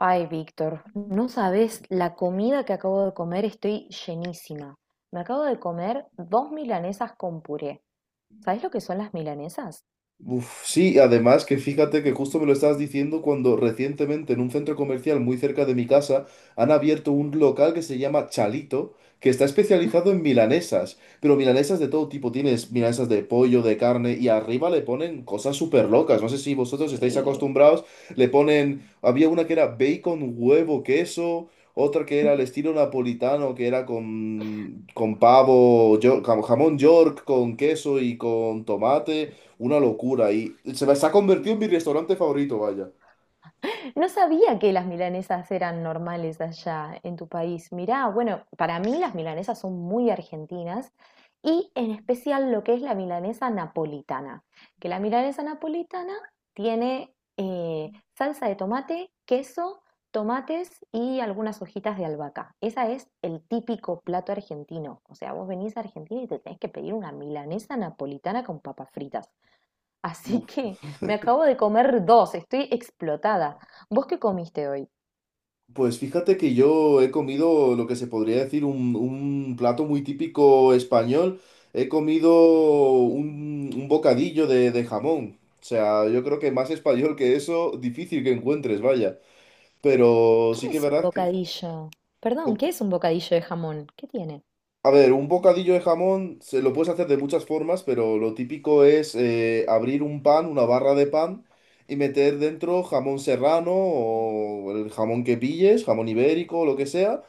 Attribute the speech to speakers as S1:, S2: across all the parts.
S1: Ay, Víctor, no sabes la comida que acabo de comer, estoy llenísima. Me acabo de comer dos milanesas con puré. ¿Sabes lo que son las milanesas?
S2: Uf, sí, además que fíjate que justo me lo estabas diciendo cuando recientemente en un centro comercial muy cerca de mi casa han abierto un local que se llama Chalito, que está especializado en milanesas, pero milanesas de todo tipo, tienes milanesas de pollo, de carne y arriba le ponen cosas súper locas, no sé si vosotros estáis
S1: Sí.
S2: acostumbrados, le ponen, había una que era bacon, huevo, queso, otra que era al estilo napolitano, que era con pavo, jamón york, con queso y con tomate. Una locura y se ha convertido en mi restaurante favorito, vaya.
S1: No sabía que las milanesas eran normales allá en tu país. Mirá, bueno, para mí las milanesas son muy argentinas y en especial lo que es la milanesa napolitana, que la milanesa napolitana tiene salsa de tomate, queso, tomates y algunas hojitas de albahaca. Esa es el típico plato argentino. O sea, vos venís a Argentina y te tenés que pedir una milanesa napolitana con papas fritas. Así
S2: Uf.
S1: que me acabo de comer dos, estoy explotada. ¿Vos qué comiste hoy?
S2: Pues fíjate que yo he comido lo que se podría decir un plato muy típico español. He comido un bocadillo de jamón. O sea, yo creo que más español que eso, difícil que encuentres, vaya. Pero
S1: ¿Qué
S2: sí que es
S1: es un
S2: verdad que...
S1: bocadillo? Perdón, ¿qué es un bocadillo de jamón? ¿Qué tiene?
S2: A ver, un bocadillo de jamón se lo puedes hacer de muchas formas, pero lo típico es abrir un pan, una barra de pan, y meter dentro jamón serrano o el jamón que pilles, jamón ibérico lo que sea,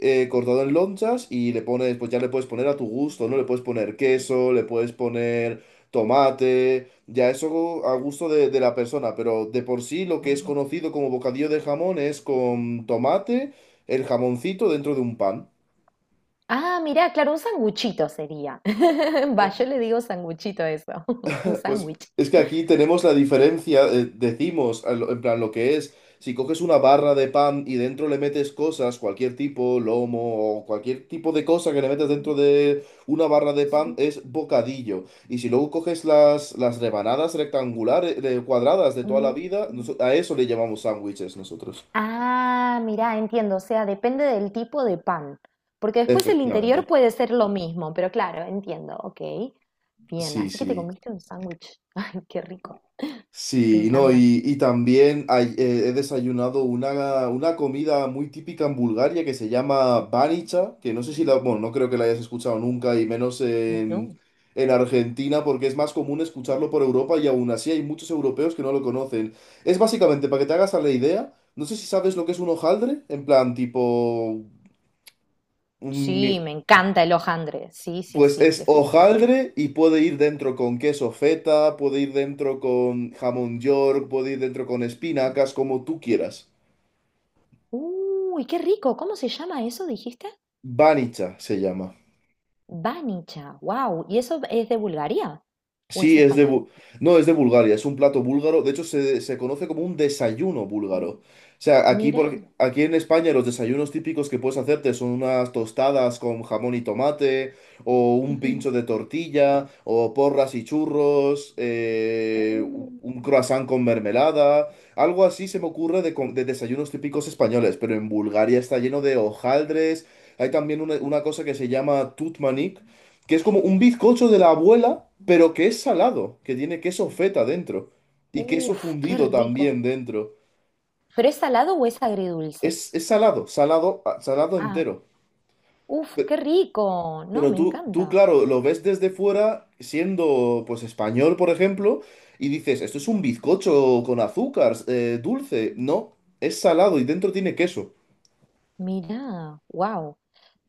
S2: cortado en lonchas y le pones, pues ya le puedes poner a tu gusto, ¿no? Le puedes poner queso, le puedes poner tomate, ya eso a gusto de la persona, pero de por sí lo que es
S1: Ah.
S2: conocido como bocadillo de jamón es con tomate, el jamoncito dentro de un pan.
S1: Ah, mirá, claro, un sanguchito sería. Va, yo le digo sanguchito a eso, un
S2: Pues
S1: sándwich.
S2: es que aquí tenemos la diferencia, decimos, en plan, lo que es, si coges una barra de pan y dentro le metes cosas, cualquier tipo, lomo o cualquier tipo de cosa que le metes dentro de una barra de pan,
S1: Sí.
S2: es bocadillo. Y si luego coges las rebanadas rectangulares, cuadradas de toda la
S1: Mm.
S2: vida, a eso le llamamos sándwiches nosotros.
S1: Ah, mirá, entiendo, o sea, depende del tipo de pan, porque después el interior
S2: Efectivamente.
S1: puede ser lo mismo, pero claro, entiendo, ok. Bien,
S2: Sí,
S1: así que te
S2: sí.
S1: comiste un sándwich. Ay, qué rico. Me
S2: Sí, no,
S1: encanta.
S2: y también he desayunado una comida muy típica en Bulgaria que se llama banicha, que no sé si la, bueno, no creo que la hayas escuchado nunca, y menos
S1: Mm. ¿No?
S2: en Argentina, porque es más común escucharlo por Europa y aún así hay muchos europeos que no lo conocen. Es básicamente, para que te hagas a la idea, no sé si sabes lo que es un hojaldre, en plan tipo
S1: Sí,
S2: un,
S1: me encanta el hojaldre. Sí, sí,
S2: pues
S1: sí,
S2: es
S1: definitivamente.
S2: hojaldre y puede ir dentro con queso feta, puede ir dentro con jamón york, puede ir dentro con espinacas, como tú quieras.
S1: Uy, qué rico. ¿Cómo se llama eso, dijiste?
S2: Banicha se llama.
S1: Banicha. Wow. ¿Y eso es de Bulgaria o es
S2: Sí, es de...
S1: español?
S2: No, es de Bulgaria, es un plato búlgaro. De hecho, se conoce como un desayuno búlgaro. O sea, aquí,
S1: Mira.
S2: aquí en España los desayunos típicos que puedes hacerte son unas tostadas con jamón y tomate, o un
S1: Ujú.
S2: pincho de tortilla, o porras y churros,
S1: Uh.
S2: un croissant con mermelada. Algo así se me ocurre de desayunos típicos españoles, pero en Bulgaria está lleno de hojaldres. Hay también una cosa que se llama tutmanik que es como un bizcocho de la abuela, pero que es salado, que tiene queso feta dentro y queso
S1: Uf, qué
S2: fundido
S1: rico.
S2: también dentro.
S1: ¿Pero es salado o es agridulce?
S2: Es salado, salado, ah, salado
S1: Ah,
S2: entero.
S1: uf,
S2: Pero,
S1: qué rico. No,
S2: pero
S1: me
S2: tú,
S1: encanta.
S2: claro, lo ves desde fuera, siendo pues español, por ejemplo, y dices, esto es un bizcocho con azúcar, dulce. No, es salado y dentro tiene queso.
S1: Mira. Wow.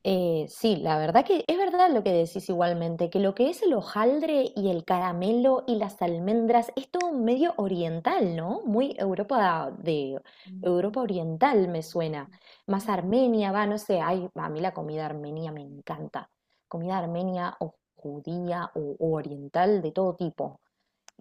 S1: Sí, la verdad que es verdad lo que decís igualmente, que lo que es el hojaldre y el caramelo y las almendras es todo medio oriental, ¿no? Muy Europa de Europa oriental me suena. Más Armenia, va, no sé, ay, a mí la comida armenia me encanta. Comida armenia o judía o oriental de todo tipo.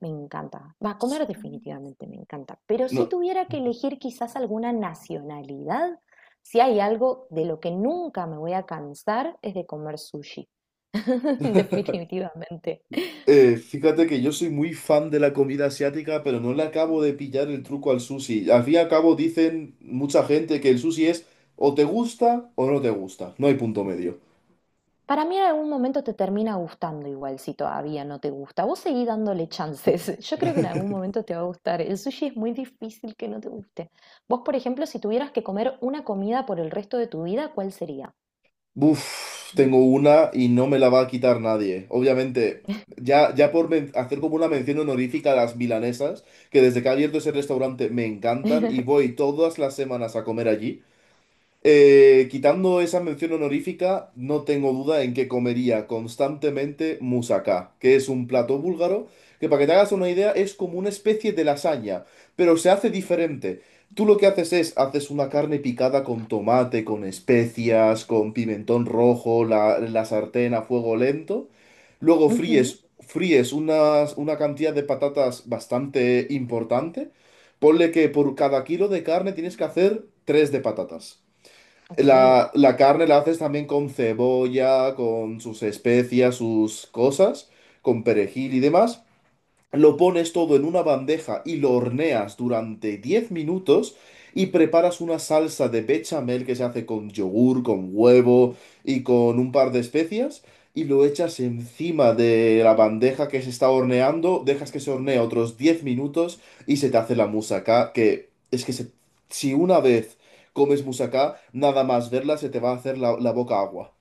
S1: Me encanta. Va a comer definitivamente, me encanta. Pero si
S2: No.
S1: tuviera que elegir quizás alguna nacionalidad, si hay algo de lo que nunca me voy a cansar es de comer sushi. Definitivamente.
S2: Fíjate que yo soy muy fan de la comida asiática, pero no le acabo de pillar el truco al sushi. Al fin y al cabo dicen mucha gente que el sushi es o te gusta o no te gusta. No hay punto medio.
S1: Para mí en algún momento te termina gustando igual si todavía no te gusta. Vos seguí dándole chances. Yo creo que en algún momento te va a gustar. El sushi es muy difícil que no te guste. Vos, por ejemplo, si tuvieras que comer una comida por el resto de tu vida, ¿cuál sería?
S2: Uf, tengo una y no me la va a quitar nadie. Obviamente, ya hacer como una mención honorífica a las milanesas, que desde que ha abierto ese restaurante me encantan y voy todas las semanas a comer allí. Quitando esa mención honorífica, no tengo duda en que comería constantemente moussaka, que es un plato búlgaro que, para que te hagas una idea, es como una especie de lasaña, pero se hace diferente. Tú lo que haces es, haces una carne picada con tomate, con especias, con pimentón rojo, la sartén a fuego lento. Luego
S1: Ujú,
S2: fríes una cantidad de patatas bastante importante. Ponle que por cada kilo de carne tienes que hacer tres de patatas.
S1: ok.
S2: La carne la haces también con cebolla, con sus especias, sus cosas, con perejil y demás. Lo pones todo en una bandeja y lo horneas durante 10 minutos y preparas una salsa de bechamel que se hace con yogur, con huevo y con un par de especias y lo echas encima de la bandeja que se está horneando, dejas que se hornee otros 10 minutos y se te hace la musaca que es que se- si una vez comes musaca, nada más verla se te va a hacer la boca agua.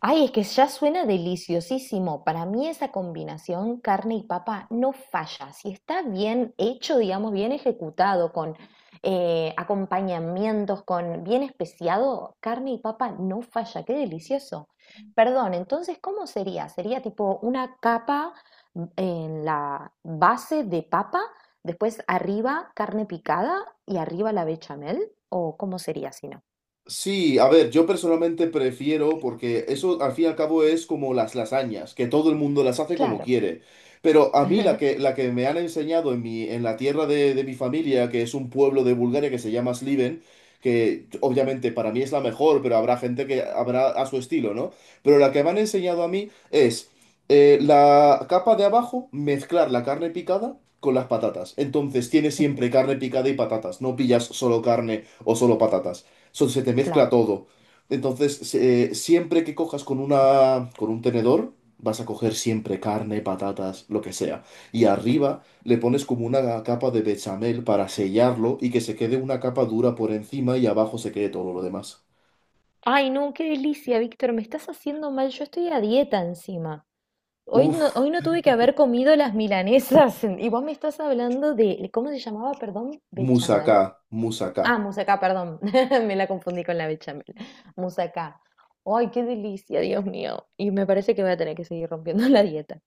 S1: Ay, es que ya suena deliciosísimo. Para mí esa combinación carne y papa no falla. Si está bien hecho, digamos, bien ejecutado, con acompañamientos, con bien especiado, carne y papa no falla. Qué delicioso. Perdón, entonces, ¿cómo sería? Sería tipo una capa, mm, en la base de papa, después arriba carne picada y arriba la bechamel, ¿o cómo sería si no?
S2: Sí, a ver, yo personalmente prefiero, porque eso al fin y al cabo es como las lasañas, que todo el mundo las hace como
S1: Claro,
S2: quiere. Pero a mí la que, la que me han enseñado en en la tierra de mi familia, que es un pueblo de Bulgaria que se llama Sliven, que obviamente para mí es la mejor, pero habrá gente que habrá a su estilo, ¿no? Pero la que me han enseñado a mí es la capa de abajo, mezclar la carne picada con las patatas. Entonces tienes siempre carne picada y patatas, no pillas solo carne o solo patatas se te mezcla
S1: claro.
S2: todo. Entonces, siempre que cojas con con un tenedor, vas a coger siempre carne, patatas, lo que sea. Y arriba le pones como una capa de bechamel para sellarlo y que se quede una capa dura por encima y abajo se quede todo lo demás.
S1: Ay, no, qué delicia, Víctor, me estás haciendo mal. Yo estoy a dieta encima.
S2: Uf,
S1: Hoy no tuve que haber comido las milanesas. Y vos me estás hablando de, ¿cómo se llamaba? Perdón,
S2: moussaka,
S1: bechamal.
S2: moussaka.
S1: Ah, musacá, perdón. Me la confundí con la bechamel. Musacá. Ay, qué delicia, Dios mío. Y me parece que voy a tener que seguir rompiendo la dieta.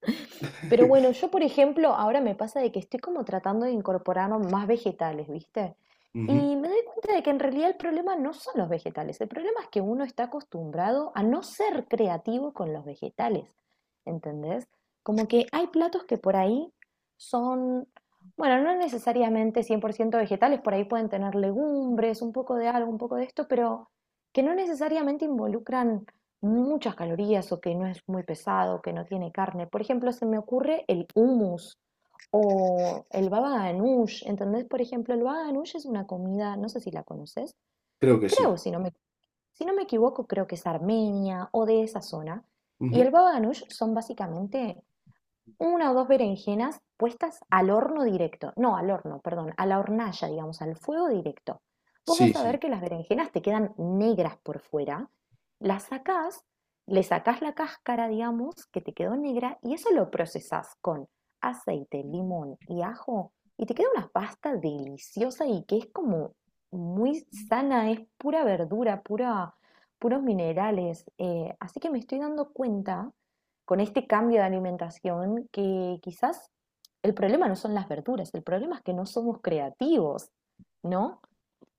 S1: Pero bueno, yo por ejemplo, ahora me pasa de que estoy como tratando de incorporar más vegetales, ¿viste?
S2: Ujú,
S1: Y me doy cuenta de que en realidad el problema no son los vegetales, el problema es que uno está acostumbrado a no ser creativo con los vegetales, ¿entendés? Como que hay platos que por ahí son, bueno, no necesariamente 100% vegetales, por ahí pueden tener legumbres, un poco de algo, un poco de esto, pero que no necesariamente involucran muchas calorías o que no es muy pesado, que no tiene carne. Por ejemplo, se me ocurre el hummus o el baba ganoush, ¿entendés? Por ejemplo, el baba ganoush es una comida, no sé si la conoces,
S2: creo que
S1: creo,
S2: sí.
S1: si no me equivoco, creo que es Armenia o de esa zona. Y
S2: Ujú.
S1: el baba ganoush son básicamente una o dos berenjenas puestas al horno directo, no al horno, perdón, a la hornalla, digamos, al fuego directo. Vos
S2: Sí,
S1: vas a ver
S2: sí.
S1: que las berenjenas te quedan negras por fuera, las sacás, le sacás la cáscara, digamos, que te quedó negra, y eso lo procesás con aceite, limón y ajo, y te queda una pasta deliciosa y que es como muy sana, es pura verdura, puros minerales. Así que me estoy dando cuenta con este cambio de alimentación que quizás el problema no son las verduras, el problema es que no somos creativos, ¿no?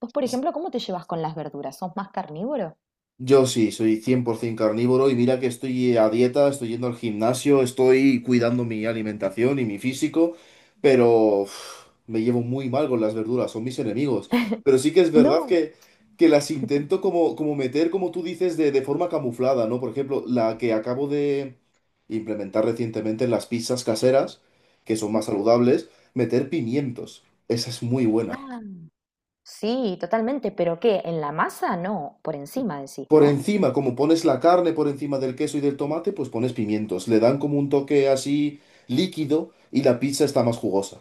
S1: Vos, por ejemplo, ¿cómo te llevas con las verduras? ¿Sos más carnívoro?
S2: Yo sí, soy 100% carnívoro y mira que estoy a dieta, estoy yendo al gimnasio, estoy cuidando mi alimentación y mi físico, pero uf, me llevo muy mal con las verduras, son mis enemigos. Pero sí que es verdad
S1: No.
S2: que, las intento como, como meter, como tú dices, de forma camuflada, ¿no? Por ejemplo, la que acabo de implementar recientemente en las pizzas caseras, que son más
S1: Ujú.
S2: saludables, meter pimientos. Esa es muy buena.
S1: Ah, sí, totalmente, pero ¿qué? ¿En la masa? No, por encima decís,
S2: Por
S1: ¿no?
S2: encima, como pones la carne por encima del queso y del tomate, pues pones pimientos. Le dan como un toque así líquido y la pizza está más jugosa.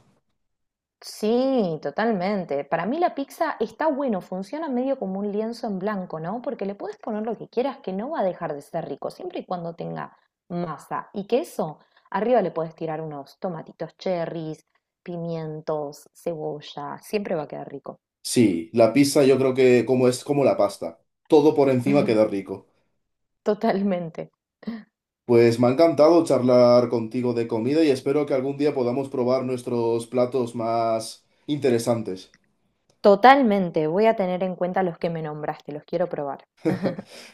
S1: Sí, totalmente. Para mí la pizza está bueno, funciona medio como un lienzo en blanco, ¿no? Porque le puedes poner lo que quieras, que no va a dejar de ser rico, siempre y cuando tenga masa y queso. Arriba le puedes tirar unos tomatitos cherries, pimientos, cebolla, siempre va a quedar rico.
S2: Sí, la pizza yo creo que como es como la pasta. Todo por encima queda rico.
S1: Totalmente,
S2: Pues me ha encantado charlar contigo de comida y espero que algún día podamos probar nuestros platos más interesantes.
S1: totalmente. Voy a tener en cuenta los que me nombraste, los quiero probar.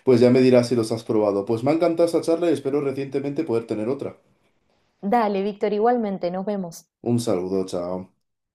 S2: Pues ya me dirás si los has probado. Pues me ha encantado esta charla y espero recientemente poder tener otra.
S1: Dale, Víctor, igualmente, nos vemos.
S2: Un saludo, chao.